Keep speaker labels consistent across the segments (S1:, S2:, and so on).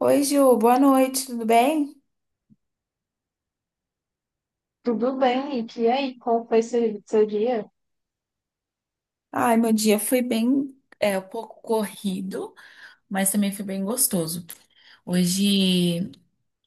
S1: Oi, Ju, boa noite, tudo bem?
S2: Tudo bem, e que aí? Como foi seu dia?
S1: Ai, meu dia foi bem, Do, mas gostoso. Hoje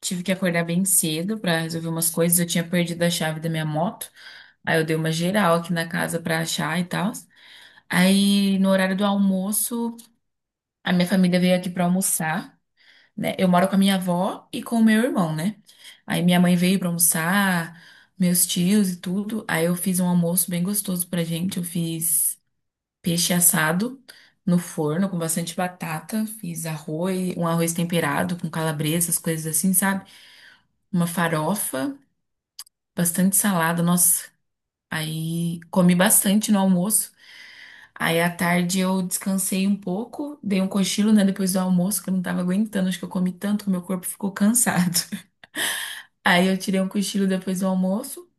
S1: tive que acordar bem cedo para resolver umas coisas. Eu tinha perdido a chave da minha moto. Aí eu dei uma geral aqui na casa para achar e tal. Aí no horário do almoço, a minha família veio aqui para almoçar, né? Eu moro com a minha avó e com o meu irmão, né? Aí minha mãe veio para almoçar, meus tios e tudo. Aí eu fiz um almoço bem gostoso pra gente. Eu fiz peixe assado no forno com bastante batata. Fiz arroz, um arroz temperado com calabresa, as coisas assim, sabe? Uma farofa, bastante salada. Nossa, aí comi bastante no almoço. Aí à tarde eu descansei um pouco, dei um cochilo, né, depois do almoço, que eu não tava aguentando, acho que eu comi tanto que meu corpo ficou cansado. Aí eu tirei um cochilo depois do almoço,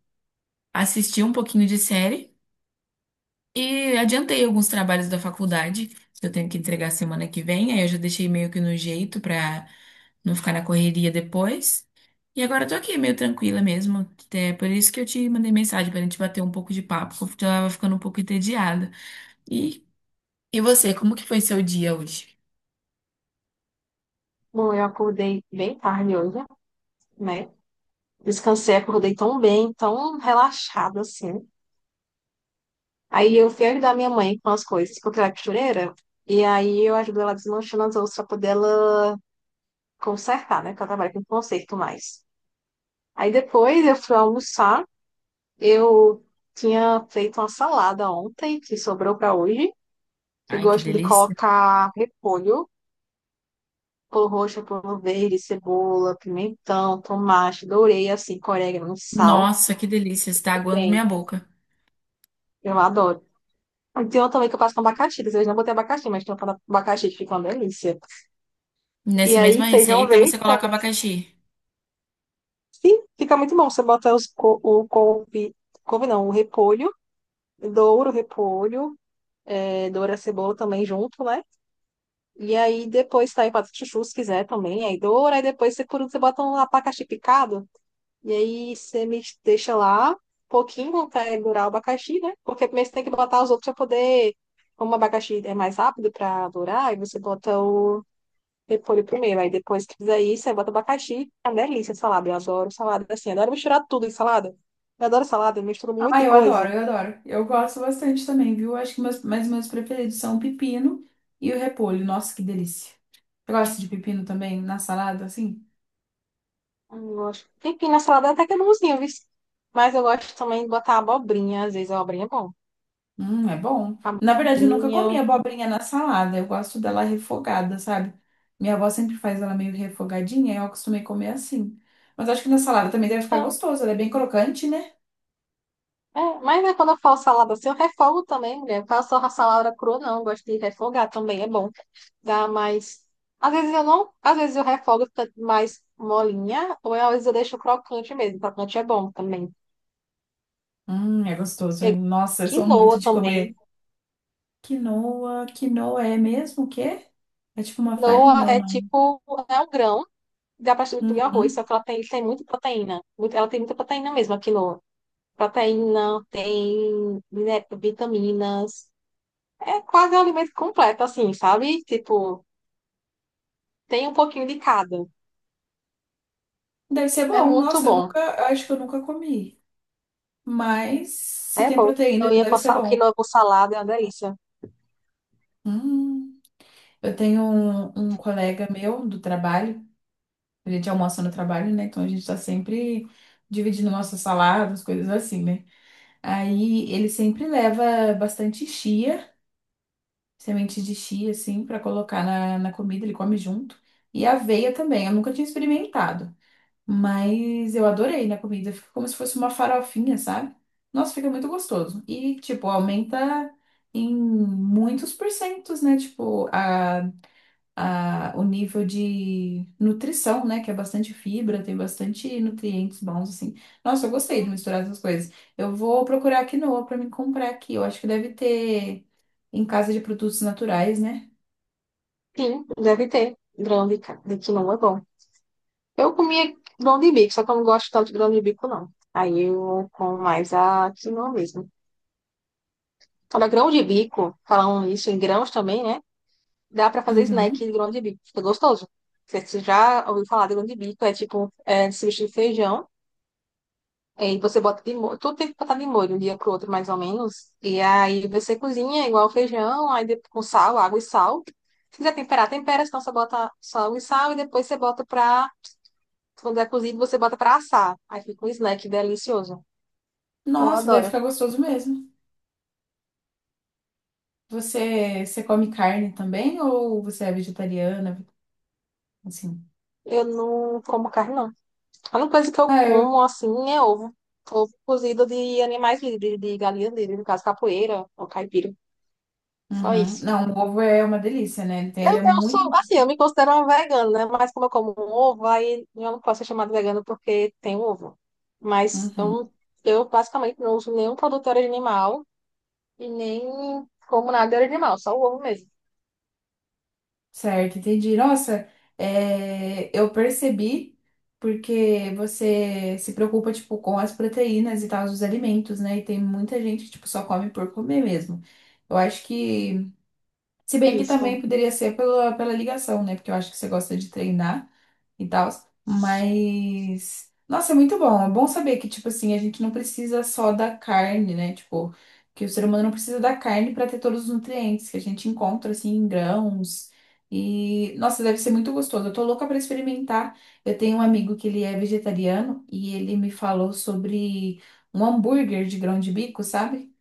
S1: assisti um pouquinho de série. E adiantei alguns trabalhos da faculdade, que eu tenho que entregar semana que vem, aí eu já deixei meio que no jeito pra não ficar na correria depois. E agora eu tô aqui meio tranquila mesmo. É por isso que eu te mandei mensagem pra gente bater um pouco de papo, porque eu tava ficando um pouco entediada. E, e você, como que foi seu dia hoje?
S2: Bom, eu acordei bem tarde hoje, né? Descansei, acordei tão bem, tão relaxada assim. Aí eu fui ajudar minha mãe com as coisas, porque ela é costureira. E aí eu ajudo ela desmanchando as outras pra poder ela consertar, né? Porque ela trabalha com conserto mais. Aí depois eu fui almoçar. Eu tinha feito uma salada ontem, que sobrou pra hoje. Eu
S1: Ai, que
S2: gosto de
S1: delícia.
S2: colocar repolho pulo roxo, pulo verde, cebola, pimentão, tomate, dourei, assim, com orégano, sal.
S1: Nossa, que delícia, está aguando
S2: Bem,
S1: minha boca.
S2: eu adoro. E tem uma também que eu faço com abacaxi. Vocês não botem abacaxi, mas tem uma com abacaxi que fica uma delícia. E
S1: Nessa mesma
S2: aí, feijão
S1: receita
S2: verde
S1: você coloca
S2: também.
S1: abacaxi?
S2: Sim, fica muito bom. Você bota o couve, couve não, o repolho, douro, o repolho, doura a cebola também junto, né? E aí depois tá aí, faz chuchu se quiser também. Aí doura, aí depois você, por último, você bota um abacaxi picado. E aí você me deixa lá um pouquinho até durar o abacaxi, né? Porque primeiro você tem que botar os outros para poder. Como o abacaxi é mais rápido para durar, aí você bota o repolho primeiro. Aí depois que fizer isso, você bota o abacaxi. É uma delícia a salada. Eu adoro salada assim. Adoro misturar tudo em salada. Eu adoro salada, eu misturo
S1: Ah,
S2: muita
S1: eu adoro,
S2: coisa.
S1: eu adoro. Eu gosto bastante também, viu? Acho que meus preferidos são o pepino e o repolho. Nossa, que delícia. Eu gosto de pepino também na salada, assim.
S2: Eu gosto. Enfim, na salada até que é bonzinho, viu? Mas eu gosto também de botar abobrinha. Às vezes a abobrinha é bom.
S1: É bom. Na verdade, eu nunca
S2: Abobrinha.
S1: comi abobrinha na salada. Eu gosto dela refogada, sabe? Minha avó sempre faz ela meio refogadinha, e eu acostumei comer assim. Mas acho que na salada também deve ficar gostoso. Ela é bem crocante, né?
S2: É, mas né, quando eu faço salada assim, eu refogo também, mulher. Eu faço a salada crua, não. Eu gosto de refogar também, é bom. Dá mais. Às vezes eu não. Às vezes eu refogo fica mais molinha, ou às vezes eu deixo crocante mesmo. Crocante é bom também.
S1: É gostoso, hein?
S2: Tem
S1: Nossa, eu sou muito
S2: quinoa
S1: de
S2: também.
S1: comer. Quinoa, quinoa é mesmo o quê? É tipo uma
S2: Quinoa
S1: farinha ou
S2: é
S1: não?
S2: tipo. É um grão, dá pra substituir arroz, só
S1: Uhum.
S2: que ela tem muita proteína. Muito, ela tem muita proteína mesmo, a quinoa. Proteína, tem vitaminas. É quase um alimento completo, assim, sabe? Tipo, tem um pouquinho de cada.
S1: Deve ser
S2: É
S1: bom.
S2: muito
S1: Nossa, eu
S2: bom.
S1: nunca, eu acho que eu nunca comi. Mas se
S2: É
S1: tem
S2: bom,
S1: proteína, deve ser bom.
S2: quinoa com salada é uma delícia.
S1: Hum. Eu tenho um colega meu do trabalho, a gente almoça no trabalho, né? Então a gente tá sempre dividindo nossas saladas, coisas assim, né? Aí ele sempre leva bastante chia, semente de chia, assim, pra colocar na comida, ele come junto. E aveia também, eu nunca tinha experimentado. Mas eu adorei na comida. Fica como se fosse uma farofinha, sabe? Nossa, fica muito gostoso. E, tipo, aumenta em muitos porcentos, né? Tipo, o nível de nutrição, né? Que é bastante fibra, tem bastante nutrientes bons, assim. Nossa, eu gostei de misturar essas coisas. Eu vou procurar quinoa pra me comprar aqui. Eu acho que deve ter em casa de produtos naturais, né?
S2: Sim, deve ter de quinoa, é bom. Eu comia grão de bico, só que eu não gosto tanto de grão de bico, não. Aí eu como mais a quinoa mesmo. Olha, grão de bico, falando isso em grãos também, né? Dá pra fazer snack
S1: Uhum.
S2: de grão de bico, fica gostoso. Você já ouviu falar de grão de bico, é tipo, é, substitui feijão. É, e você bota de molho, tudo tem que botar de molho, um dia pro outro, mais ou menos. E aí você cozinha igual feijão, aí depois, com sal, água e sal. Se quiser temperar, tempera, senão você bota sal e sal, e depois você bota pra. Quando é cozido, você bota pra assar. Aí fica um snack delicioso. Eu
S1: Nossa, deve
S2: adoro.
S1: ficar gostoso mesmo. Você come carne também ou você é vegetariana? Assim.
S2: Eu não como carne, não. A única coisa que eu
S1: Ah, eu.
S2: como, assim, é ovo. Ovo cozido de animais livres, de galinha livre, no caso, capoeira ou caipira. Só
S1: Uhum.
S2: isso.
S1: Não, o ovo é uma delícia, né? Então, ele
S2: Eu,
S1: é
S2: eu
S1: muito.
S2: sou, assim, eu me considero uma vegana, né? Mas como eu como um ovo, aí eu não posso ser chamada vegana porque tem um ovo. Mas
S1: Uhum.
S2: eu basicamente não uso nenhum produto de origem animal e nem como nada de origem animal, só o ovo mesmo.
S1: Certo, entendi. Nossa, é, eu percebi porque você se preocupa, tipo, com as proteínas e tal, dos alimentos, né? E tem muita gente que, tipo, só come por comer mesmo. Eu acho que. Se bem que também
S2: Isso.
S1: poderia ser pela ligação, né? Porque eu acho que você gosta de treinar. E tal. Mas, nossa, é muito bom. É bom saber que, tipo assim, a gente não precisa só da carne, né? Tipo, que o ser humano não precisa da carne para ter todos os nutrientes que a gente encontra, assim, em grãos. E, nossa, deve ser muito gostoso. Eu tô louca para experimentar. Eu tenho um amigo que ele é vegetariano e ele me falou sobre um hambúrguer de grão de bico, sabe?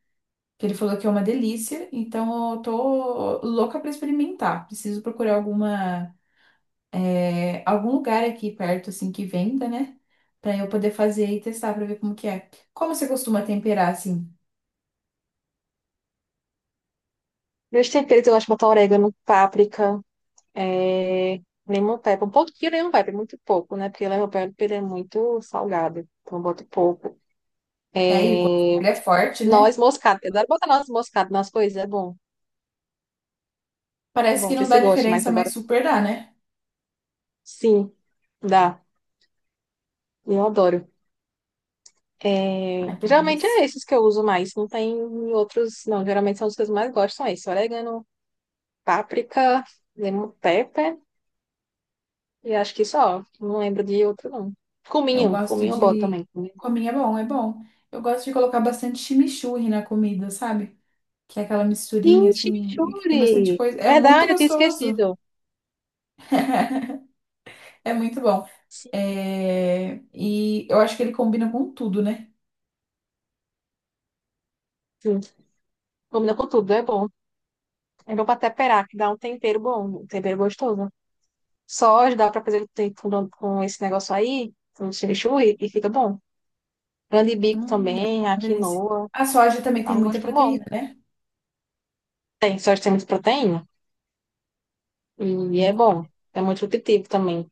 S1: Que ele falou que é uma delícia. Então, eu tô louca para experimentar. Preciso procurar alguma é, algum lugar aqui perto, assim, que venda, né? Pra eu poder fazer e testar pra ver como que é. Como você costuma temperar, assim?
S2: Meus temperos eu gosto de botar orégano, páprica, é... lemon pepper, um pouquinho de lemon pepper, muito pouco, né? Porque lemon pepper ele é muito salgado, então eu boto pouco.
S1: É aí, o gosto dele é forte,
S2: Noz
S1: né?
S2: moscada, eu adoro botar noz moscada nas coisas, é bom. É
S1: Parece
S2: bom,
S1: que
S2: não sei
S1: não
S2: se
S1: dá
S2: você gosta, mas
S1: diferença,
S2: adoro.
S1: mas super dá, né?
S2: Sim, dá. Eu adoro. É,
S1: Ai, que
S2: geralmente
S1: delícia.
S2: é esses que eu uso mais. Não tem outros, não. Geralmente são os que eu mais gosto, são esses. Orégano, páprica, lemon pepper. E acho que só. Não lembro de outro, não.
S1: Eu
S2: Cominho.
S1: gosto
S2: Cominho é bom
S1: de...
S2: também. Cominho é bom.
S1: Cominho é bom, é bom. Eu gosto de colocar bastante chimichurri na comida, sabe? Que é aquela misturinha,
S2: Sim,
S1: assim, e que tem bastante
S2: chimichurri.
S1: coisa. É muito
S2: Verdade, eu tinha
S1: gostoso.
S2: esquecido.
S1: É muito bom.
S2: Sim,
S1: É, e eu acho que ele combina com tudo, né?
S2: sim. Combina com tudo, é bom. É bom pra temperar, que dá um tempero bom, um tempero gostoso. Só dá pra fazer com esse negócio aí, com o chimichurri, e fica bom. Grande bico
S1: Deve
S2: também,
S1: ficar
S2: a
S1: uma delícia.
S2: quinoa.
S1: A soja também
S2: Dá
S1: tem
S2: um
S1: muita
S2: gosto bom.
S1: proteína, né?
S2: Tem, só tem muita proteína. E é
S1: Hum,
S2: bom. É muito nutritivo também.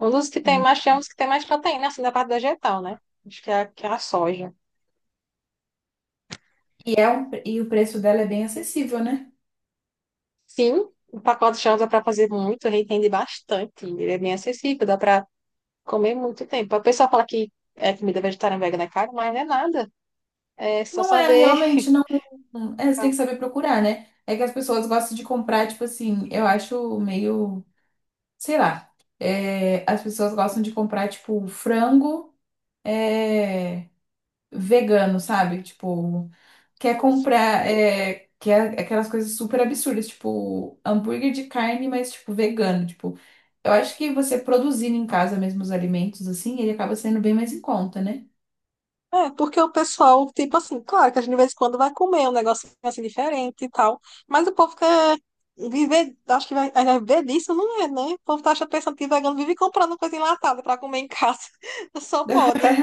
S2: Um dos que tem
S1: hum.
S2: mais, tem uns que tem mais proteína, assim, da parte vegetal, né? Acho que que é a soja.
S1: E o preço dela é bem acessível, né?
S2: Sim, o pacote de soja dá pra fazer muito, ele rende bastante. Ele é bem acessível, dá pra comer muito tempo. A pessoa fala que é comida vegetariana e vegana é caro, mas não é nada. É só
S1: Não é
S2: saber.
S1: realmente, não. É, você tem que saber procurar, né? É que as pessoas gostam de comprar, tipo assim, eu acho meio, sei lá. É, as pessoas gostam de comprar, tipo, frango. É, vegano, sabe? Tipo, quer comprar, é, quer aquelas coisas super absurdas, tipo, hambúrguer de carne, mas, tipo, vegano. Tipo, eu acho que você produzindo em casa mesmo os alimentos, assim, ele acaba sendo bem mais em conta, né?
S2: É, porque o pessoal, tipo assim, claro que a gente de vez em quando vai comer um negócio assim diferente e tal, mas o povo quer viver, acho que vai viver disso, não é, né? O povo tá achando, pensando que vegano vive comprando coisa enlatada pra comer em casa, só pode.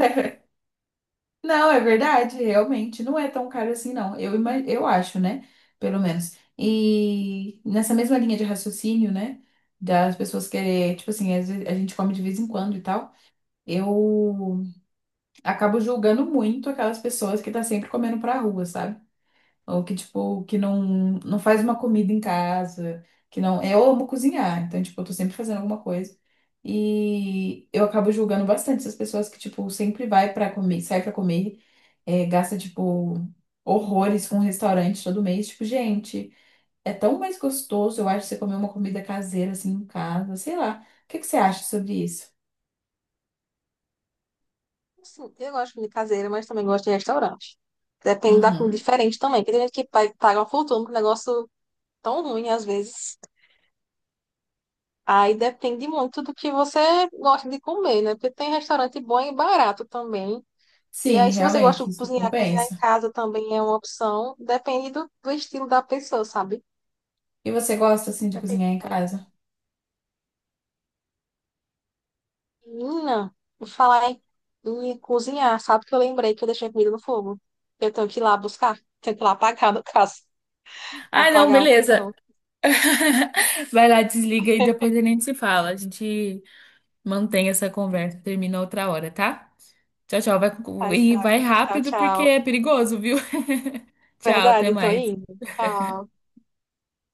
S1: Não, é verdade, realmente. Não é tão caro assim, não. Eu, ima- eu acho, né? Pelo menos. E nessa mesma linha de raciocínio, né? Das pessoas que, tipo assim, às vezes a gente come de vez em quando e tal. Eu acabo julgando muito aquelas pessoas que tá sempre comendo pra rua, sabe? Ou que, tipo, que não faz uma comida em casa, que não... Eu amo cozinhar, então, tipo, eu tô sempre fazendo alguma coisa. E eu acabo julgando bastante essas pessoas que, tipo, sempre vai pra comer, sai pra comer, é, gasta, tipo, horrores com restaurante todo mês. Tipo, gente, é tão mais gostoso, eu acho, você comer uma comida caseira, assim, em casa, sei lá. O que que você acha sobre isso?
S2: Sim, eu gosto de comida caseira, mas também gosto de restaurante. Depende da comida
S1: Uhum.
S2: diferente também, porque tem gente que paga uma fortuna com um negócio tão ruim às vezes. Aí depende muito do que você gosta de comer, né? Porque tem restaurante bom e barato também. E
S1: Sim,
S2: aí, se você gosta
S1: realmente,
S2: de
S1: isso
S2: cozinhar, cozinhar em
S1: compensa.
S2: casa também é uma opção. Depende do estilo da pessoa, sabe?
S1: E você gosta assim de
S2: Depende
S1: cozinhar em
S2: muito.
S1: casa?
S2: Menina, vou em cozinhar. Sabe que eu lembrei que eu deixei a comida no fogo? Eu tenho que ir lá buscar. Tenho que ir lá apagar, no caso.
S1: Ah, não,
S2: Apagar o
S1: beleza.
S2: fogão.
S1: Vai lá, desliga e depois a gente se fala. A gente mantém essa conversa, termina outra hora, tá? Tchau, tchau.
S2: Ai,
S1: Vai, e
S2: tchau,
S1: vai
S2: tchau.
S1: rápido porque
S2: Tchau.
S1: é perigoso, viu? Tchau, até
S2: Verdade, tô indo.
S1: mais.
S2: Tchau.